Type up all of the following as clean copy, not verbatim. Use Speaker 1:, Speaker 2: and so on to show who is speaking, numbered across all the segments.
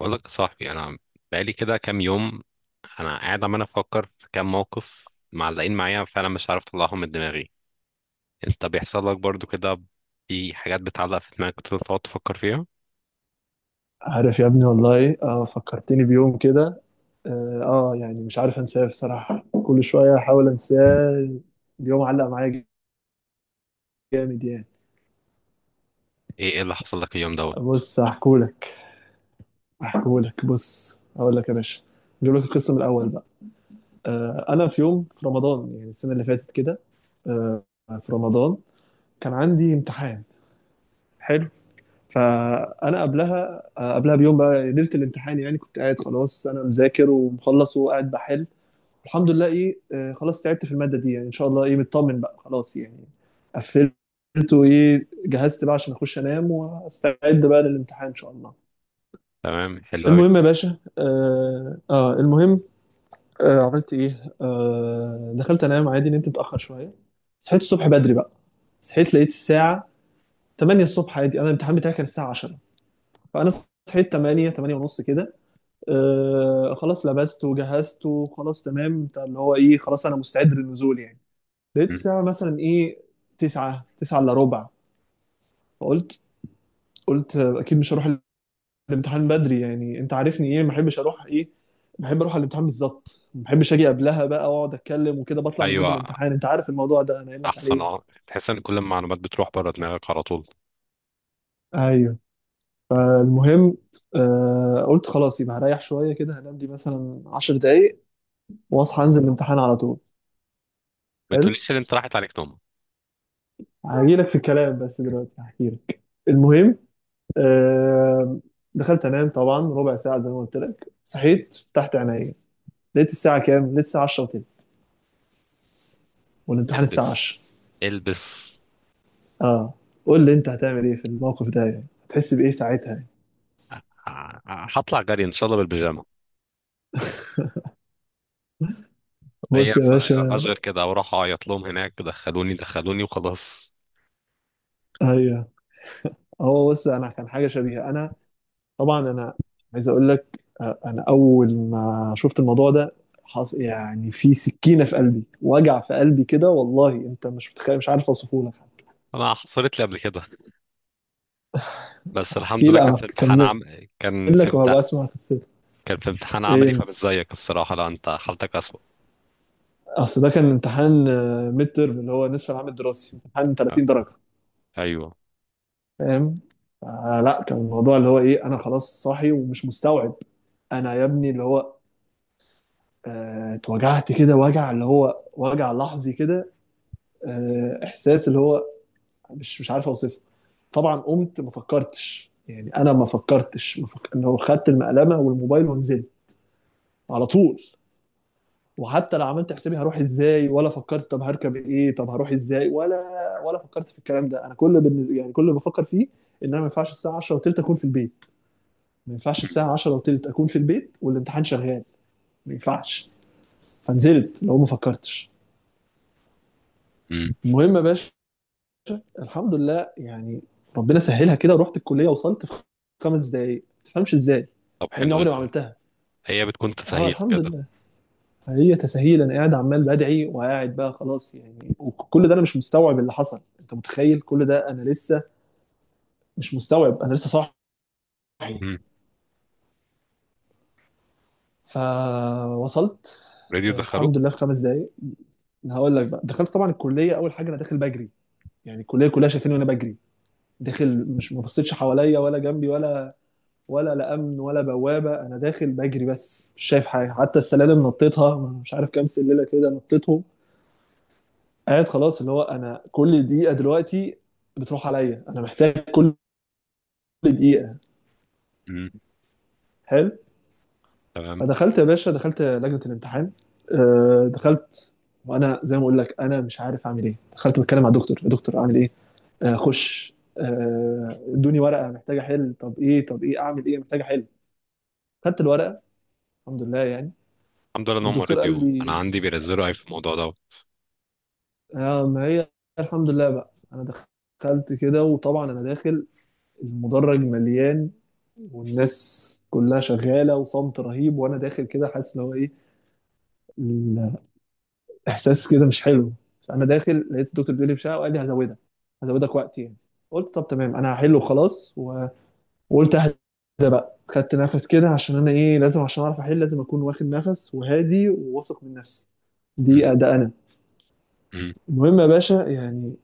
Speaker 1: بقول لك يا صاحبي، انا بقالي كده كام يوم. انا قاعد عمال افكر في كام موقف معلقين معايا فعلا، مش عارف اطلعهم من دماغي. انت بيحصل لك برضو كده؟ في حاجات بتعلق في دماغك وتفضل تقعد تفكر فيها؟
Speaker 2: عارف يا ابني والله ايه فكرتني بيوم كده. يعني مش عارف انساه بصراحة، كل شوية احاول انساه. اليوم علق معايا جامد يعني.
Speaker 1: ايه اللي حصل لك اليوم دوت؟
Speaker 2: بص هحكولك هحكولك بص هقول لك يا باشا، نجيب لك القصة من الاول بقى. انا في يوم في رمضان، يعني السنة اللي فاتت كده، آه في رمضان كان عندي امتحان. حلو. فانا قبلها، قبلها بيوم بقى، ليلة الامتحان يعني، كنت قاعد خلاص، انا مذاكر ومخلص وقاعد بحل، الحمد لله. ايه آه، خلاص تعبت في المادة دي يعني، ان شاء الله مطمن بقى خلاص يعني. قفلت وايه جهزت بقى عشان اخش انام واستعد بقى للامتحان ان شاء الله.
Speaker 1: تمام، حلو قوي.
Speaker 2: المهم يا باشا، المهم، عملت ايه؟ دخلت انام عادي، نمت متأخر شوية. صحيت الصبح بدري بقى. صحيت لقيت الساعة 8 الصبح عادي، انا الامتحان بتاعي كان الساعة 10. فانا صحيت 8 ونص كده. خلاص لبست وجهزت، وخلاص تمام بتاع اللي هو ايه، خلاص انا مستعد للنزول يعني. لقيت الساعة مثلا إيه، تسعة، تسعة إلا ربع. فقلت قلت أكيد مش هروح الامتحان بدري يعني. أنت عارفني، إيه، ما بحبش أروح بحب أروح على الامتحان بالظبط، ما بحبش أجي قبلها بقى وأقعد أتكلم وكده بطلع من مود
Speaker 1: ايوه،
Speaker 2: الامتحان، أنت عارف الموضوع ده أنا قايل لك
Speaker 1: احسن،
Speaker 2: عليه.
Speaker 1: تحس ان كل المعلومات بتروح بره دماغك على طول.
Speaker 2: ايوه. المهم، قلت خلاص يبقى هريح شويه كده، هنام دي مثلا 10 دقايق واصحى انزل الامتحان على طول.
Speaker 1: ما
Speaker 2: حلو،
Speaker 1: تقوليش ان انت راحت عليك نوم.
Speaker 2: هجي لك في الكلام بس دلوقتي هحكي لك. المهم، آه، دخلت انام طبعا ربع ساعه. زي ما قلت لك، صحيت فتحت عيني لقيت الساعه كام؟ لقيت الساعه 10 وتلت، والامتحان الساعه 10.
Speaker 1: البس، البس!
Speaker 2: اه، قول لي انت هتعمل ايه في الموقف ده يعني؟ هتحس بايه ساعتها يعني؟
Speaker 1: هطلع جري ان شاء الله بالبيجامه. هي
Speaker 2: بص يا باشا.
Speaker 1: اصغر كده واروح اعيط لهم هناك، دخلوني دخلوني وخلاص.
Speaker 2: ايوه. هو بص، انا كان حاجه شبيهه. انا طبعا انا عايز اقول لك، انا اول ما شفت الموضوع ده يعني في سكينه في قلبي، وجع في قلبي كده، والله انت مش متخيل، مش عارف اوصفه لك حتى.
Speaker 1: انا حصلت لي قبل كده، بس الحمد
Speaker 2: احكي
Speaker 1: لله كان في
Speaker 2: لك،
Speaker 1: امتحان
Speaker 2: اكمل
Speaker 1: عم... كان في
Speaker 2: لك
Speaker 1: امت...
Speaker 2: وهبقى اسمع قصتك.
Speaker 1: كان في امتحان عملي،
Speaker 2: ايه،
Speaker 1: فمش زيك الصراحه، لا انت حالتك اسوأ.
Speaker 2: اصل ده كان امتحان ميد ترم، اللي هو نصف العام الدراسي، امتحان
Speaker 1: آه،
Speaker 2: 30 درجه.
Speaker 1: ايوه.
Speaker 2: فاهم؟ فلا، كان الموضوع اللي هو ايه، انا خلاص صاحي ومش مستوعب. انا يا ابني اللي هو اتوجعت كده، وجع اللي هو وجع لحظي كده. احساس اللي هو مش عارف اوصفه. طبعا قمت ما فكرتش يعني، انا ما فكرتش، ما فك... اللي هو خدت المقلمه والموبايل ونزلت على طول. وحتى لو عملت حسابي هروح ازاي، ولا فكرت طب هركب ايه، طب هروح ازاي، ولا فكرت في الكلام ده. انا كل بالنسبة يعني، كل اللي بفكر فيه ان انا ما ينفعش الساعه 10 وتلت اكون في البيت، ما ينفعش الساعه 10 وتلت اكون في البيت والامتحان شغال، ما ينفعش. فنزلت لو ما فكرتش.
Speaker 1: امم.
Speaker 2: المهم يا باشا، الحمد لله يعني، ربنا سهلها كده ورحت الكليه، وصلت في خمس دقايق ما تفهمش ازاي،
Speaker 1: طب
Speaker 2: مع اني
Speaker 1: حلو
Speaker 2: عمري ما
Speaker 1: جدا.
Speaker 2: عملتها.
Speaker 1: هي بتكون
Speaker 2: اه
Speaker 1: تسهيل
Speaker 2: الحمد
Speaker 1: كده.
Speaker 2: لله. هي تساهيل. انا قاعد عمال بدعي وقاعد بقى خلاص يعني، وكل ده انا مش مستوعب اللي حصل. انت متخيل؟ كل ده انا لسه مش مستوعب، انا لسه صاحي.
Speaker 1: امم
Speaker 2: فوصلت،
Speaker 1: راديو دخلوه.
Speaker 2: الحمد لله في خمس دقايق. هقول لك بقى، دخلت طبعا الكليه، اول حاجه انا داخل بجري، يعني الكليه كلها شايفيني وانا بجري داخل. مش ما بصيتش حواليا ولا جنبي، ولا ولا لا امن ولا بوابه، انا داخل بجري بس مش شايف حاجه. حتى السلالم نطيتها، مش عارف كام سلالة كده نطيتهم. قاعد خلاص اللي هو انا كل دقيقه دلوقتي بتروح عليا، انا محتاج كل دقيقه.
Speaker 1: امم،
Speaker 2: حلو.
Speaker 1: تمام،
Speaker 2: فدخلت يا باشا، دخلت لجنه الامتحان. دخلت وانا زي ما اقول لك انا مش عارف اعمل ايه. دخلت بتكلم مع الدكتور: يا دكتور اعمل ايه، اخش، ادوني ورقه محتاج احل، طب ايه، طب ايه اعمل ايه، محتاج احل. خدت الورقه، الحمد لله يعني.
Speaker 1: الحمد لله ان هم
Speaker 2: والدكتور قال
Speaker 1: راديو انا
Speaker 2: لي
Speaker 1: عندي بينزلوا اي في الموضوع دوت.
Speaker 2: ما هي. الحمد لله بقى، انا دخلت كده، وطبعا انا داخل المدرج مليان، والناس كلها شغاله وصمت رهيب، وانا داخل كده حاسس ان هو ايه، الاحساس كده مش حلو. فانا داخل، لقيت الدكتور بيقول لي بشقه، وقال لي هزودك، هزودك وقت يعني. قلت طب تمام، انا هحل وخلاص، وقلت اهدى بقى. خدت نفس كده عشان انا ايه لازم، عشان اعرف احل لازم اكون واخد نفس وهادي وواثق من نفسي.
Speaker 1: امم.
Speaker 2: دي ده انا.
Speaker 1: امم.
Speaker 2: المهم يا باشا يعني،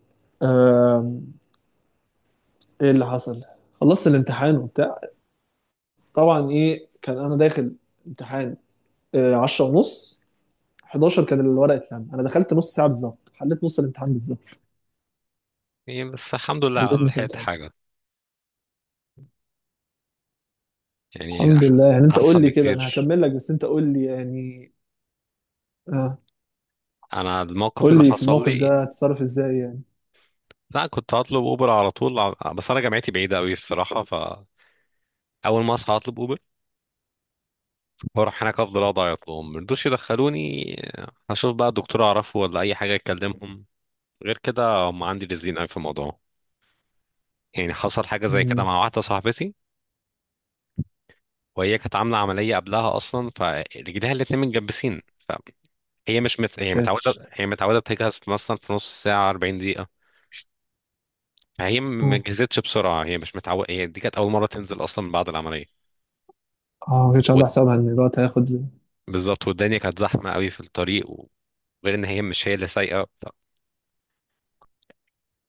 Speaker 2: آم، ايه اللي حصل، خلصت الامتحان وبتاع. طبعا ايه كان انا داخل امتحان، 10 ونص، 11 كان الورقه اتلم. انا دخلت نص ساعه بالظبط، حليت نص الامتحان بالظبط.
Speaker 1: إيه، بس الحمد لله على
Speaker 2: حليت
Speaker 1: الأقل
Speaker 2: نص
Speaker 1: لحقت
Speaker 2: الامتحان،
Speaker 1: حاجه. يعني
Speaker 2: الحمد لله يعني. انت
Speaker 1: احسن
Speaker 2: قول لي كده، انا
Speaker 1: بكتير.
Speaker 2: هكمل لك بس انت قول لي يعني. آه
Speaker 1: انا الموقف
Speaker 2: قول
Speaker 1: اللي
Speaker 2: لي في
Speaker 1: حصل
Speaker 2: الموقف
Speaker 1: لي،
Speaker 2: ده هتتصرف ازاي يعني.
Speaker 1: لا كنت هطلب اوبر على طول، بس انا جامعتي بعيده قوي الصراحه، ف اول ما اصحى هطلب اوبر واروح هناك، افضل اقعد اعيط لهم، مرضوش يدخلوني، هشوف بقى دكتور اعرفه ولا اي حاجه يكلمهم، غير كده هم عندي رزلين قوي في الموضوع. يعني حصل حاجه زي كده
Speaker 2: مم،
Speaker 1: مع واحده صاحبتي، وهي كانت عامله عمليه قبلها اصلا، فرجليها الاتنين متجبسين. فهي مش مت... هي
Speaker 2: ساتر.
Speaker 1: متعوده هي متعوده بتجهز في مثلا في نص ساعه، 40 دقيقه. فهي ما
Speaker 2: اه
Speaker 1: جهزتش بسرعه، هي مش متعوده، هي دي كانت اول مره تنزل اصلا من بعد العمليه.
Speaker 2: اه، ما كنتش عامل
Speaker 1: وال-
Speaker 2: حسابها ان الوقت هياخد.
Speaker 1: بالظبط، والدنيا كانت زحمه قوي في الطريق غير ان هي مش هي اللي سايقه،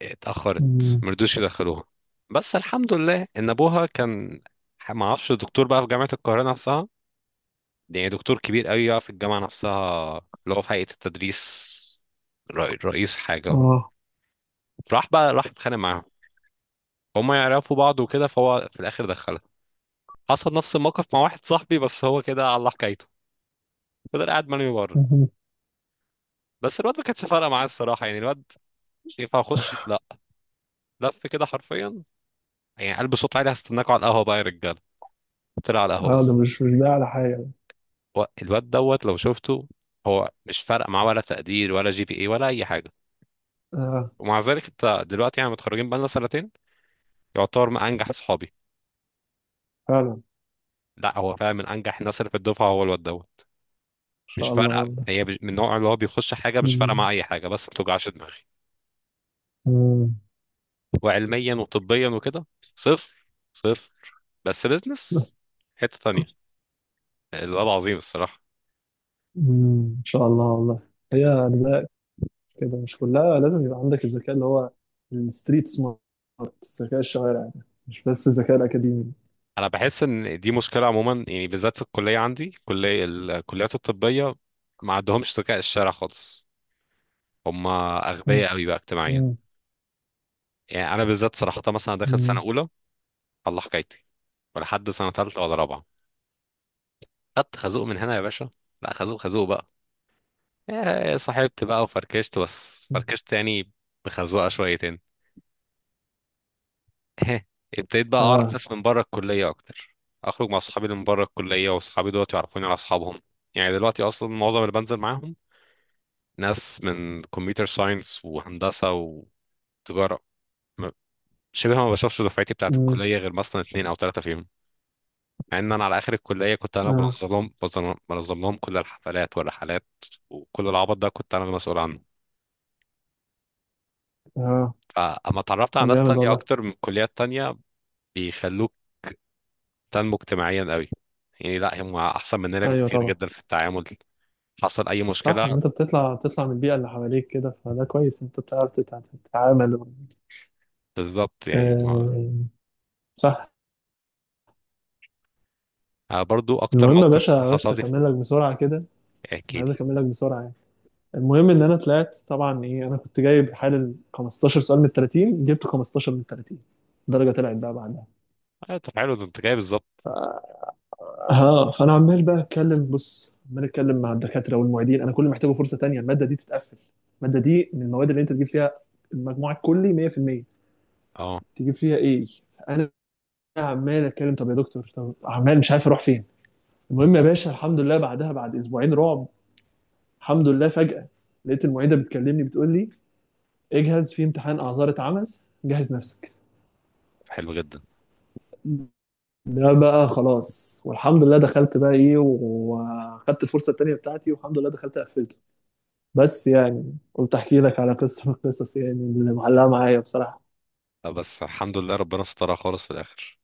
Speaker 1: اتأخرت،
Speaker 2: مم،
Speaker 1: مرضوش يدخلوها. بس الحمد لله ان ابوها كان ما اعرفش دكتور بقى في جامعة القاهرة نفسها، يعني دكتور كبير قوي بقى في الجامعة نفسها، اللي هو في هيئة التدريس، رئيس حاجة.
Speaker 2: اه
Speaker 1: راح بقى، راح اتخانق معاهم، هما يعرفوا بعض وكده، فهو في الاخر دخلها. حصل نفس الموقف مع واحد صاحبي، بس هو كده على الله حكايته، فضل قاعد مرمي بره.
Speaker 2: مهم.
Speaker 1: بس الواد ما كانتش فارقه معاه الصراحه، يعني الواد ينفع اخش؟ لا، لف كده حرفيا، يعني قلب صوت عالي: هستناكوا على القهوه بقى يا رجاله. طلع على القهوه
Speaker 2: اه ده
Speaker 1: بس.
Speaker 2: مش ده على حاجه.
Speaker 1: الواد دوت لو شفته، هو مش فارق معاه ولا تقدير ولا جي بي اي ولا اي حاجه.
Speaker 2: اه
Speaker 1: ومع ذلك انت دلوقتي، يعني متخرجين بقالنا سنتين، يعتبر من انجح اصحابي.
Speaker 2: فعلا ان
Speaker 1: لا، هو فعلا من انجح الناس اللي في الدفعه، هو الواد دوت. مش
Speaker 2: شاء الله
Speaker 1: فارقه،
Speaker 2: والله.
Speaker 1: هي من النوع اللي هو بيخش حاجه مش فارقه
Speaker 2: مم.
Speaker 1: معاه اي حاجه، بس ما توجعش دماغي.
Speaker 2: مم.
Speaker 1: وعلميا وطبيا وكده صفر، صفر. بس بيزنس حته تانية، الواد عظيم الصراحه.
Speaker 2: مم. ان شاء الله والله. هي كده، مش كلها لازم يبقى عندك الذكاء اللي هو الستريت سمارت، ذكاء الشوارع ده، مش بس الذكاء الأكاديمي.
Speaker 1: انا بحس ان دي مشكله عموما، يعني بالذات في الكليه عندي، كليه، الكليات الطبيه ما عندهمش ذكاء الشارع خالص، هم
Speaker 2: مم.
Speaker 1: اغبياء قوي بقى اجتماعيا. يعني انا بالذات صراحه مثلا، داخل سنه
Speaker 2: مم.
Speaker 1: اولى، الله حكايتي، ولحد سنه ثالثه ولا رابعه، خدت خازوق من هنا يا باشا. لا، خازوق، خازوق بقى. إيه، صاحبت بقى وفركشت، بس
Speaker 2: مم.
Speaker 1: فركشت يعني، بخزوقه شويتين. ابتديت بقى اعرف
Speaker 2: آه
Speaker 1: ناس من بره الكليه اكتر، اخرج مع اصحابي اللي من بره الكليه، واصحابي دلوقتي يعرفوني على اصحابهم. يعني دلوقتي اصلا معظم اللي بنزل معاهم ناس من كمبيوتر ساينس وهندسه وتجاره، م- شبه ما بشوفش دفعتي بتاعت
Speaker 2: مم.
Speaker 1: الكليه غير مثلا اتنين او تلاته فيهم. مع ان انا على اخر الكليه كنت انا
Speaker 2: آه
Speaker 1: بنظم لهم كل الحفلات والرحلات، وكل العبط ده كنت انا المسؤول عنه.
Speaker 2: آه
Speaker 1: فاما اتعرفت على
Speaker 2: طب
Speaker 1: ناس
Speaker 2: جامد
Speaker 1: تانية
Speaker 2: والله.
Speaker 1: اكتر من كليات تانية، بيخلوك تنمو اجتماعيا قوي، يعني لا هم احسن مننا
Speaker 2: أيوه
Speaker 1: بكتير
Speaker 2: طبعا،
Speaker 1: جدا في التعامل. حصل اي
Speaker 2: صح، إن
Speaker 1: مشكله
Speaker 2: أنت بتطلع من البيئة اللي حواليك كده، فده كويس، أنت بتعرف تتعامل.
Speaker 1: بالظبط، يعني ما.
Speaker 2: آه صح.
Speaker 1: برضو اكتر
Speaker 2: المهم يا
Speaker 1: موقف
Speaker 2: باشا، بس
Speaker 1: حصل لي
Speaker 2: أكمل لك بسرعة كده، أنا
Speaker 1: احكي
Speaker 2: عايز
Speaker 1: لي.
Speaker 2: أكمل لك بسرعة يعني. المهم ان انا طلعت، طبعا ايه، انا كنت جايب حالل 15 سؤال من 30، جبت 15 من 30 درجه. طلعت بقى بعدها.
Speaker 1: طب حلو، ده انت جاي بالظبط.
Speaker 2: اه فانا عمال بقى اتكلم، بص عمال اتكلم مع الدكاتره والمعيدين، انا كل ما محتاجه فرصه تانية الماده دي تتقفل، الماده دي من المواد اللي انت تجيب فيها المجموع الكلي 100%،
Speaker 1: اه
Speaker 2: تجيب فيها ايه. انا عمال اتكلم طب يا دكتور طب، عمال مش عارف اروح فين. المهم يا باشا، الحمد لله بعدها بعد اسبوعين رعب الحمد لله فجاه لقيت المعيده بتكلمني بتقول لي اجهز، في امتحان اعذار اتعمل، جهز نفسك.
Speaker 1: طب حلو جدا.
Speaker 2: ده بقى خلاص، والحمد لله دخلت بقى ايه وخدت الفرصه التانيه بتاعتي، والحمد لله دخلت قفلته. بس يعني قلت احكي لك على قصه من القصص يعني اللي معلقه معايا بصراحه.
Speaker 1: بس الحمد لله ربنا سترها خالص في الاخر،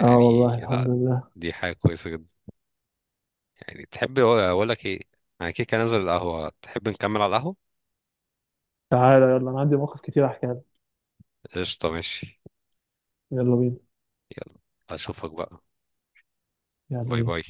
Speaker 2: اه والله الحمد
Speaker 1: لا،
Speaker 2: لله.
Speaker 1: دي حاجه كويسه جدا. يعني تحب اقول لك ايه، انا كده كده نازل القهوة، تحب نكمل على القهوة؟
Speaker 2: تعالى يلا، انا عندي مواقف كتير احكيها لك.
Speaker 1: قشطة، ماشي.
Speaker 2: يلا بينا.
Speaker 1: يلا. اشوفك بقى.
Speaker 2: يلا
Speaker 1: باي باي.
Speaker 2: بينا